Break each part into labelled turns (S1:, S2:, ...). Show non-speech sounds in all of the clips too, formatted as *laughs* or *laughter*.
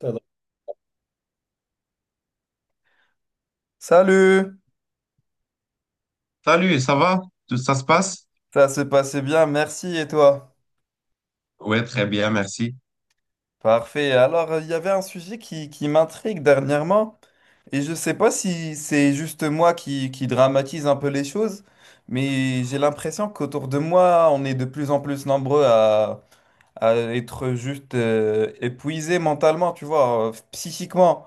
S1: Ça va. Salut,
S2: Salut, ça va? Tout ça se passe?
S1: ça s'est passé bien, merci et toi?
S2: Oui, très bien, merci.
S1: Parfait. Alors, il y avait un sujet qui m'intrigue dernièrement et je ne sais pas si c'est juste moi qui dramatise un peu les choses, mais j'ai l'impression qu'autour de moi, on est de plus en plus nombreux à être juste épuisés mentalement, tu vois, psychiquement.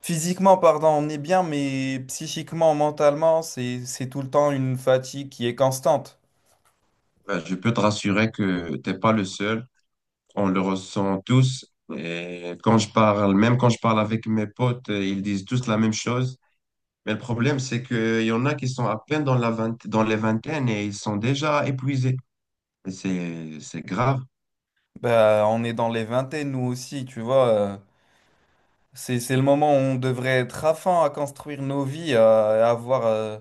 S1: Physiquement, pardon, on est bien, mais psychiquement, mentalement, c'est tout le temps une fatigue qui est constante.
S2: Ben, je peux te rassurer que t'es pas le seul. On le ressent tous. Et quand je parle, même quand je parle avec mes potes, ils disent tous la même chose. Mais le problème, c'est qu'il y en a qui sont à peine dans la dans les vingtaines et ils sont déjà épuisés. Et c'est grave.
S1: Bah, on est dans les vingtaines, nous aussi, tu vois. C'est le moment où on devrait être à fond à construire nos vies, à avoir,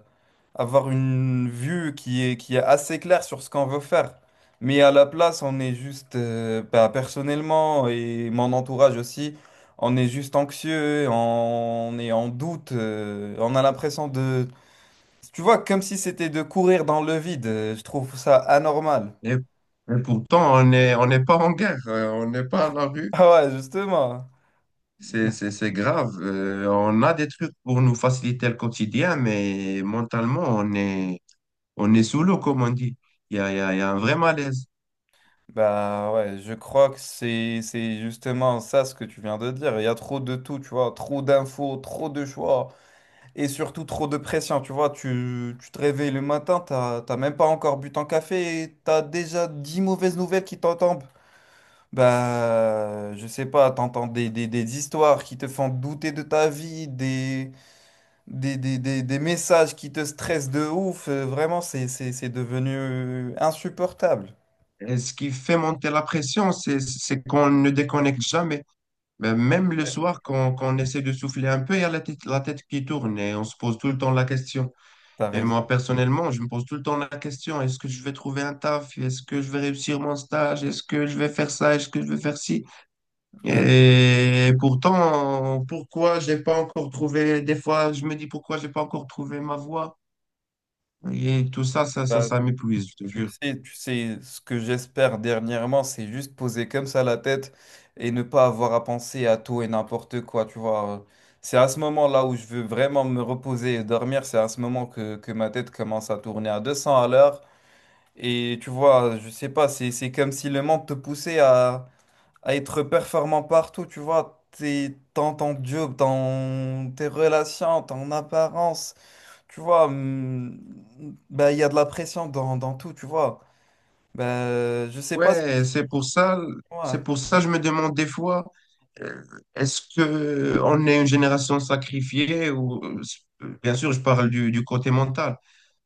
S1: avoir une vue qui est assez claire sur ce qu'on veut faire. Mais à la place, on est juste, bah, personnellement et mon entourage aussi, on est juste anxieux, on est en doute, on a l'impression de... Tu vois, comme si c'était de courir dans le vide. Je trouve ça anormal. *laughs*
S2: Et pourtant, on est, on n'est pas en guerre, on n'est pas à la rue.
S1: Ah ouais, justement.
S2: C'est grave. On a des trucs pour nous faciliter le quotidien, mais mentalement, on est, on est sous l'eau, comme on dit. Il y a, il y a un vrai malaise.
S1: Bah ouais, je crois que c'est justement ça ce que tu viens de dire. Il y a trop de tout, tu vois, trop d'infos, trop de choix et surtout trop de pression, tu vois. Tu te réveilles le matin, t'as même pas encore bu ton café et t'as déjà 10 mauvaises nouvelles qui t'en tombent. Bah, je sais pas, t'entends des histoires qui te font douter de ta vie, des messages qui te stressent de ouf. Vraiment, c'est devenu insupportable.
S2: Et ce qui fait monter la pression, c'est qu'on ne déconnecte jamais. Mais même le soir, quand, quand on essaie de souffler un peu, il y a la tête qui tourne et on se pose tout le temps la question.
S1: T'as
S2: Et moi,
S1: raison.
S2: personnellement, je me pose tout le temps la question, est-ce que je vais trouver un taf? Est-ce que je vais réussir mon stage? Est-ce que je vais faire ça? Est-ce que je vais faire ci?
S1: Ouais,
S2: Et pourtant, pourquoi j'ai pas encore trouvé, des fois, je me dis pourquoi j'ai pas encore trouvé ma voie? Et tout ça, ça, ça,
S1: bah,
S2: ça m'épuise, je te
S1: Tu
S2: jure.
S1: sais, tu sais, ce que j'espère dernièrement, c'est juste poser comme ça la tête et ne pas avoir à penser à tout et n'importe quoi, tu vois. C'est à ce moment-là où je veux vraiment me reposer et dormir, c'est à ce moment que ma tête commence à tourner à 200 à l'heure. Et tu vois, je sais pas, c'est comme si le monde te poussait à être performant partout, tu vois. T'es, dans ton job, dans tes relations, ton apparence, tu vois, bah, il y a de la pression dans tout, tu vois. Ben, je sais pas si
S2: Ouais,
S1: moi,
S2: c'est pour ça que je me demande des fois, euh, est-ce que on est une génération sacrifiée ou, bien sûr, je parle du côté mental,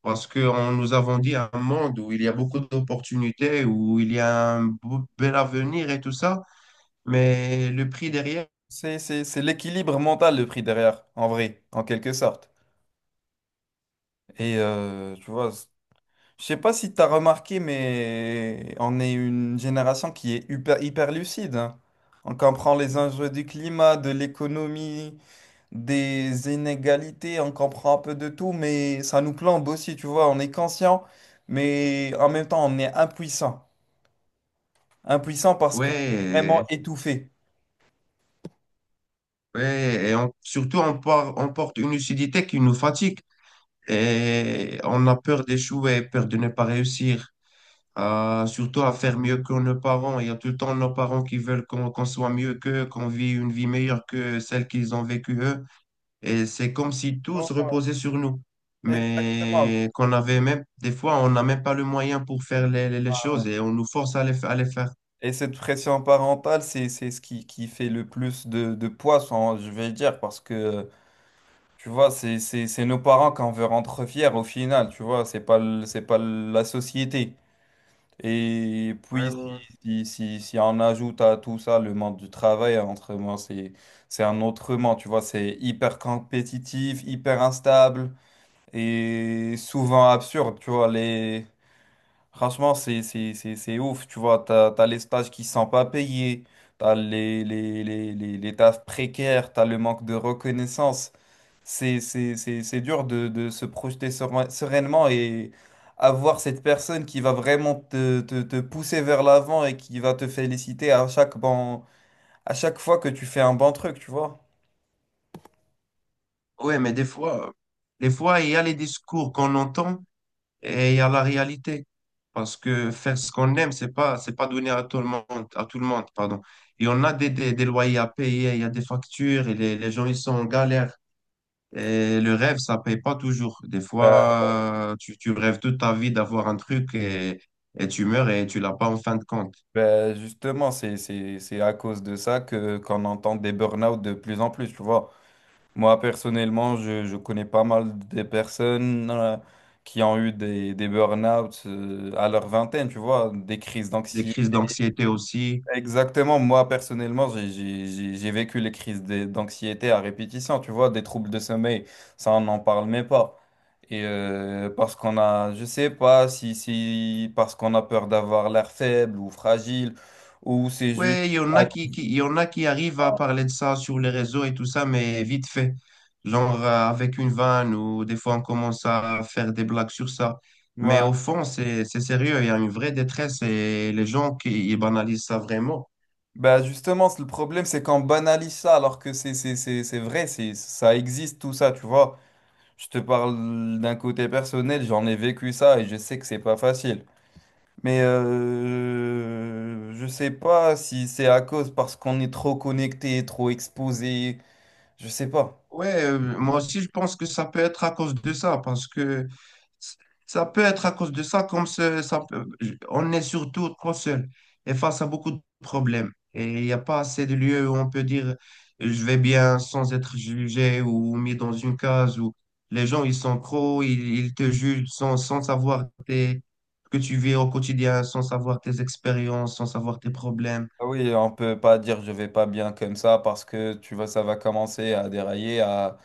S2: parce que nous avons dit un monde où il y a beaucoup d'opportunités, où il y a un bel avenir et tout ça, mais le prix derrière,
S1: c'est l'équilibre mental le prix derrière, en vrai, en quelque sorte. Et tu vois, je sais pas si tu as remarqué, mais on est une génération qui est hyper lucide, hein. On comprend les enjeux du climat, de l'économie, des inégalités, on comprend un peu de tout, mais ça nous plombe aussi, tu vois. On est conscient, mais en même temps, on est impuissant. Impuissant parce qu'on est vraiment
S2: ouais,
S1: étouffé.
S2: ouais, et surtout on, on porte une lucidité qui nous fatigue et on a peur d'échouer, peur de ne pas réussir. Surtout à faire mieux que nos parents. Il y a tout le temps nos parents qui veulent qu'on soit mieux qu'eux, qu'on vive une vie meilleure que celle qu'ils ont vécue eux. Et c'est comme si tout se
S1: Ouais,
S2: reposait sur nous.
S1: exactement.
S2: Mais qu'on avait même, des fois, on n'a même pas le moyen pour faire les, les choses et on nous force à les, à les faire.
S1: Et cette pression parentale, c'est ce qui fait le plus de poids, je vais dire, parce que, tu vois, c'est nos parents qu'on veut rendre fiers au final, tu vois, c'est pas, c'est pas la société. Et
S2: Ouais, ouais,
S1: puis, si,
S2: ouais.
S1: si, si, si on ajoute à tout ça le monde du travail, entre moi, c'est un autre monde, tu vois, c'est hyper compétitif, hyper instable et souvent absurde, tu vois, les... Franchement, c'est ouf, tu vois, t'as les stages qui sont pas payés, t'as les tafs précaires, t'as le manque de reconnaissance. C'est dur de se projeter sereinement et avoir cette personne qui va vraiment te pousser vers l'avant et qui va te féliciter à chaque bon, à chaque fois que tu fais un bon truc, tu vois.
S2: Ouais, mais des fois, il y a les discours qu'on entend, et il y a la réalité. Parce que faire ce qu'on aime, c'est pas donné à tout le monde, à tout le monde, pardon. Et on a des loyers à payer, il y a des factures, et les gens, ils sont en galère. Et le rêve, ça paye pas toujours. Des
S1: Bah,
S2: fois, tu rêves toute ta vie d'avoir un truc et tu meurs et tu l'as pas en fin de compte.
S1: justement, c'est à cause de ça que qu'on entend des burn-out de plus en plus, tu vois. Moi, personnellement, je connais pas mal des personnes qui ont eu des burn-out à leur vingtaine, tu vois, des crises
S2: Des
S1: d'anxiété.
S2: crises d'anxiété aussi.
S1: Exactement, moi, personnellement, j'ai vécu les crises d'anxiété à répétition, tu vois, des troubles de sommeil, ça, on n'en parle même pas. Et parce qu'on a, je sais pas si, si parce qu'on a peur d'avoir l'air faible ou fragile, ou c'est juste...
S2: Ouais, il y en a qui, il y en a qui arrivent à parler de ça sur les réseaux et tout ça, mais vite fait. Genre avec une vanne ou des fois on commence à faire des blagues sur ça. Mais au fond, c'est sérieux, il y a une vraie détresse et les gens qui ils banalisent ça vraiment.
S1: Bah justement, c'est le problème, c'est qu'on banalise ça alors que c'est vrai, c'est, ça existe tout ça, tu vois. Je te parle d'un côté personnel, j'en ai vécu ça et je sais que c'est pas facile. Mais je sais pas si c'est à cause parce qu'on est trop connecté, trop exposé, je sais pas.
S2: Ouais, moi aussi, je pense que ça peut être à cause de ça, parce que s- ça peut être à cause de ça, comme ça, on est surtout trop seul et face à beaucoup de problèmes. Et il n'y a pas assez de lieux où on peut dire je vais bien sans être jugé ou mis dans une case où les gens, ils sont trop, ils te jugent sans, sans savoir que tu vis au quotidien, sans savoir tes expériences, sans savoir tes problèmes.
S1: Ah oui, on peut pas dire je vais pas bien comme ça parce que tu vois, ça va commencer à dérailler, à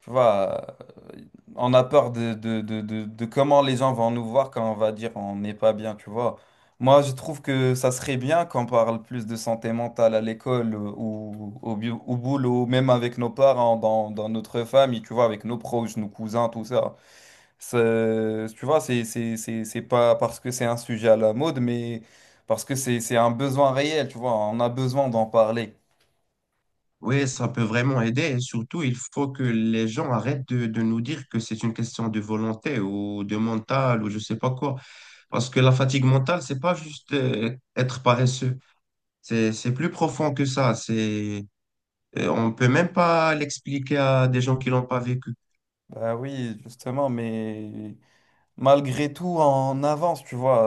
S1: tu vois, euh, on a peur de comment les gens vont nous voir quand on va dire on n'est pas bien, tu vois. Moi, je trouve que ça serait bien qu'on parle plus de santé mentale à l'école ou au, au boulot, même avec nos parents, dans notre famille, tu vois, avec nos proches, nos cousins, tout ça. Tu vois, c'est pas parce que c'est un sujet à la mode, mais parce que c'est un besoin réel, tu vois. On a besoin d'en parler.
S2: Oui, ça peut vraiment aider et surtout, il faut que les gens arrêtent de nous dire que c'est une question de volonté ou de mental ou je sais pas quoi. Parce que la fatigue mentale, c'est pas juste être paresseux. C'est plus profond que ça. C'est, on peut même pas l'expliquer à des gens qui l'ont pas vécu.
S1: Bah oui, justement, mais... malgré tout en avance, tu vois.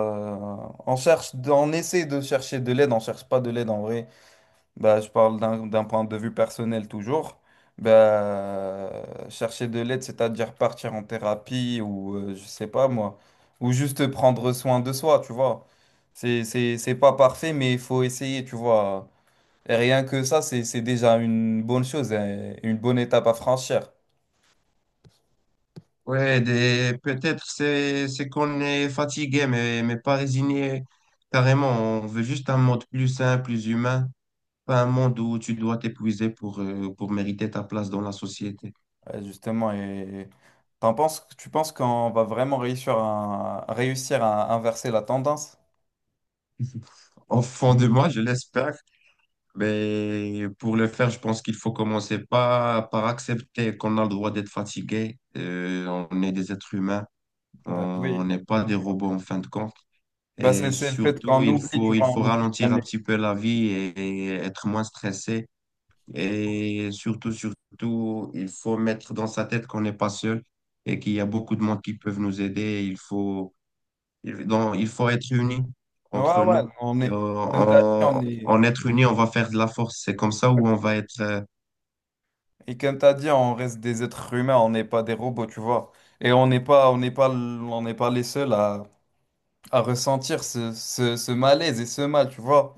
S1: On cherche, on essaie de chercher de l'aide, on cherche pas de l'aide en vrai. Bah, je parle d'un point de vue personnel toujours. Bah, chercher de l'aide, c'est-à-dire partir en thérapie ou je sais pas moi, ou juste prendre soin de soi, tu vois. C'est pas parfait, mais il faut essayer, tu vois. Et rien que ça, c'est déjà une bonne chose, hein, une bonne étape à franchir.
S2: Ouais, des, peut-être c'est qu'on est fatigué, mais pas résigné carrément. On veut juste un monde plus sain, plus humain, pas un monde où tu dois t'épuiser pour mériter ta place dans la société.
S1: Ouais, justement, et tu penses qu'on va vraiment réussir à, réussir à inverser la tendance?
S2: Au fond de moi, je l'espère, mais pour le faire, je pense qu'il faut commencer par, par accepter qu'on a le droit d'être fatigué. On est des êtres humains,
S1: Bah
S2: on
S1: oui.
S2: n'est pas des robots en fin de compte.
S1: Bah
S2: Et
S1: c'est le fait
S2: surtout,
S1: qu'on oublie, tu
S2: il
S1: vois,
S2: faut
S1: on oublie
S2: ralentir
S1: qu'on
S2: un
S1: est.
S2: petit peu la vie et être moins stressé. Et surtout, surtout, il faut mettre dans sa tête qu'on n'est pas seul et qu'il y a beaucoup de monde qui peuvent nous aider. Il faut il, donc, il faut être unis
S1: Ouais,
S2: entre
S1: ouais,
S2: nous.
S1: on
S2: Et
S1: est. Comme t'as dit, on
S2: en,
S1: est.
S2: en être unis, on va faire de la force. C'est comme ça où on va être.
S1: Et comme t'as dit, on reste des êtres humains, on n'est pas des robots, tu vois. Et on n'est pas les seuls à ressentir ce, ce, ce malaise et ce mal, tu vois.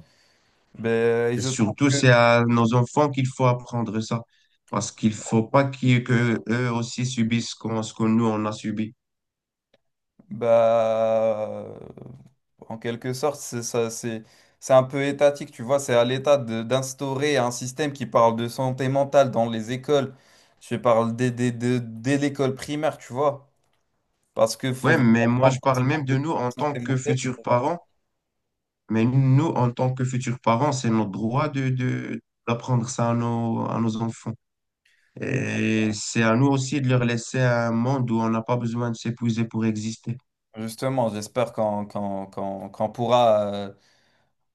S1: Ben, et
S2: Et
S1: je trouve
S2: surtout,
S1: que
S2: c'est à nos enfants qu'il faut apprendre ça. Parce qu'il faut pas qu'ils, que eux aussi subissent ce ce que nous, on a subi.
S1: bah, en quelque sorte, c'est ça, c'est un peu étatique, tu vois. C'est à l'État d'instaurer un système qui parle de santé mentale dans les écoles. Je parle dès l'école primaire, tu vois. Parce qu'il faut
S2: Ouais,
S1: vraiment
S2: mais moi,
S1: prendre
S2: je
S1: en compte
S2: parle même de nous en
S1: la
S2: tant
S1: santé
S2: que
S1: mentale.
S2: futurs parents. Mais nous, en tant que futurs parents, c'est notre droit de, d'apprendre ça à nos enfants. Et c'est à nous aussi de leur laisser un monde où on n'a pas besoin de s'épuiser pour exister.
S1: Justement, j'espère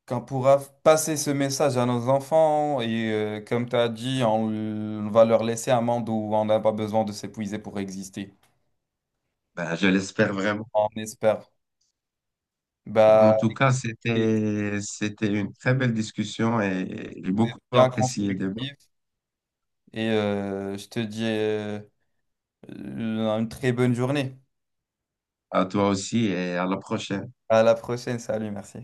S1: qu'on pourra passer ce message à nos enfants. Et comme tu as dit, on va leur laisser un monde où on n'a pas besoin de s'épuiser pour exister.
S2: Ben, je l'espère vraiment.
S1: On espère. Bah.
S2: En tout cas,
S1: Et
S2: c'était, c'était une très belle discussion et j'ai
S1: c'était
S2: beaucoup
S1: bien
S2: apprécié le débat.
S1: constructif. Et je te dis une très bonne journée.
S2: À toi aussi et à la prochaine.
S1: À la prochaine. Salut, merci.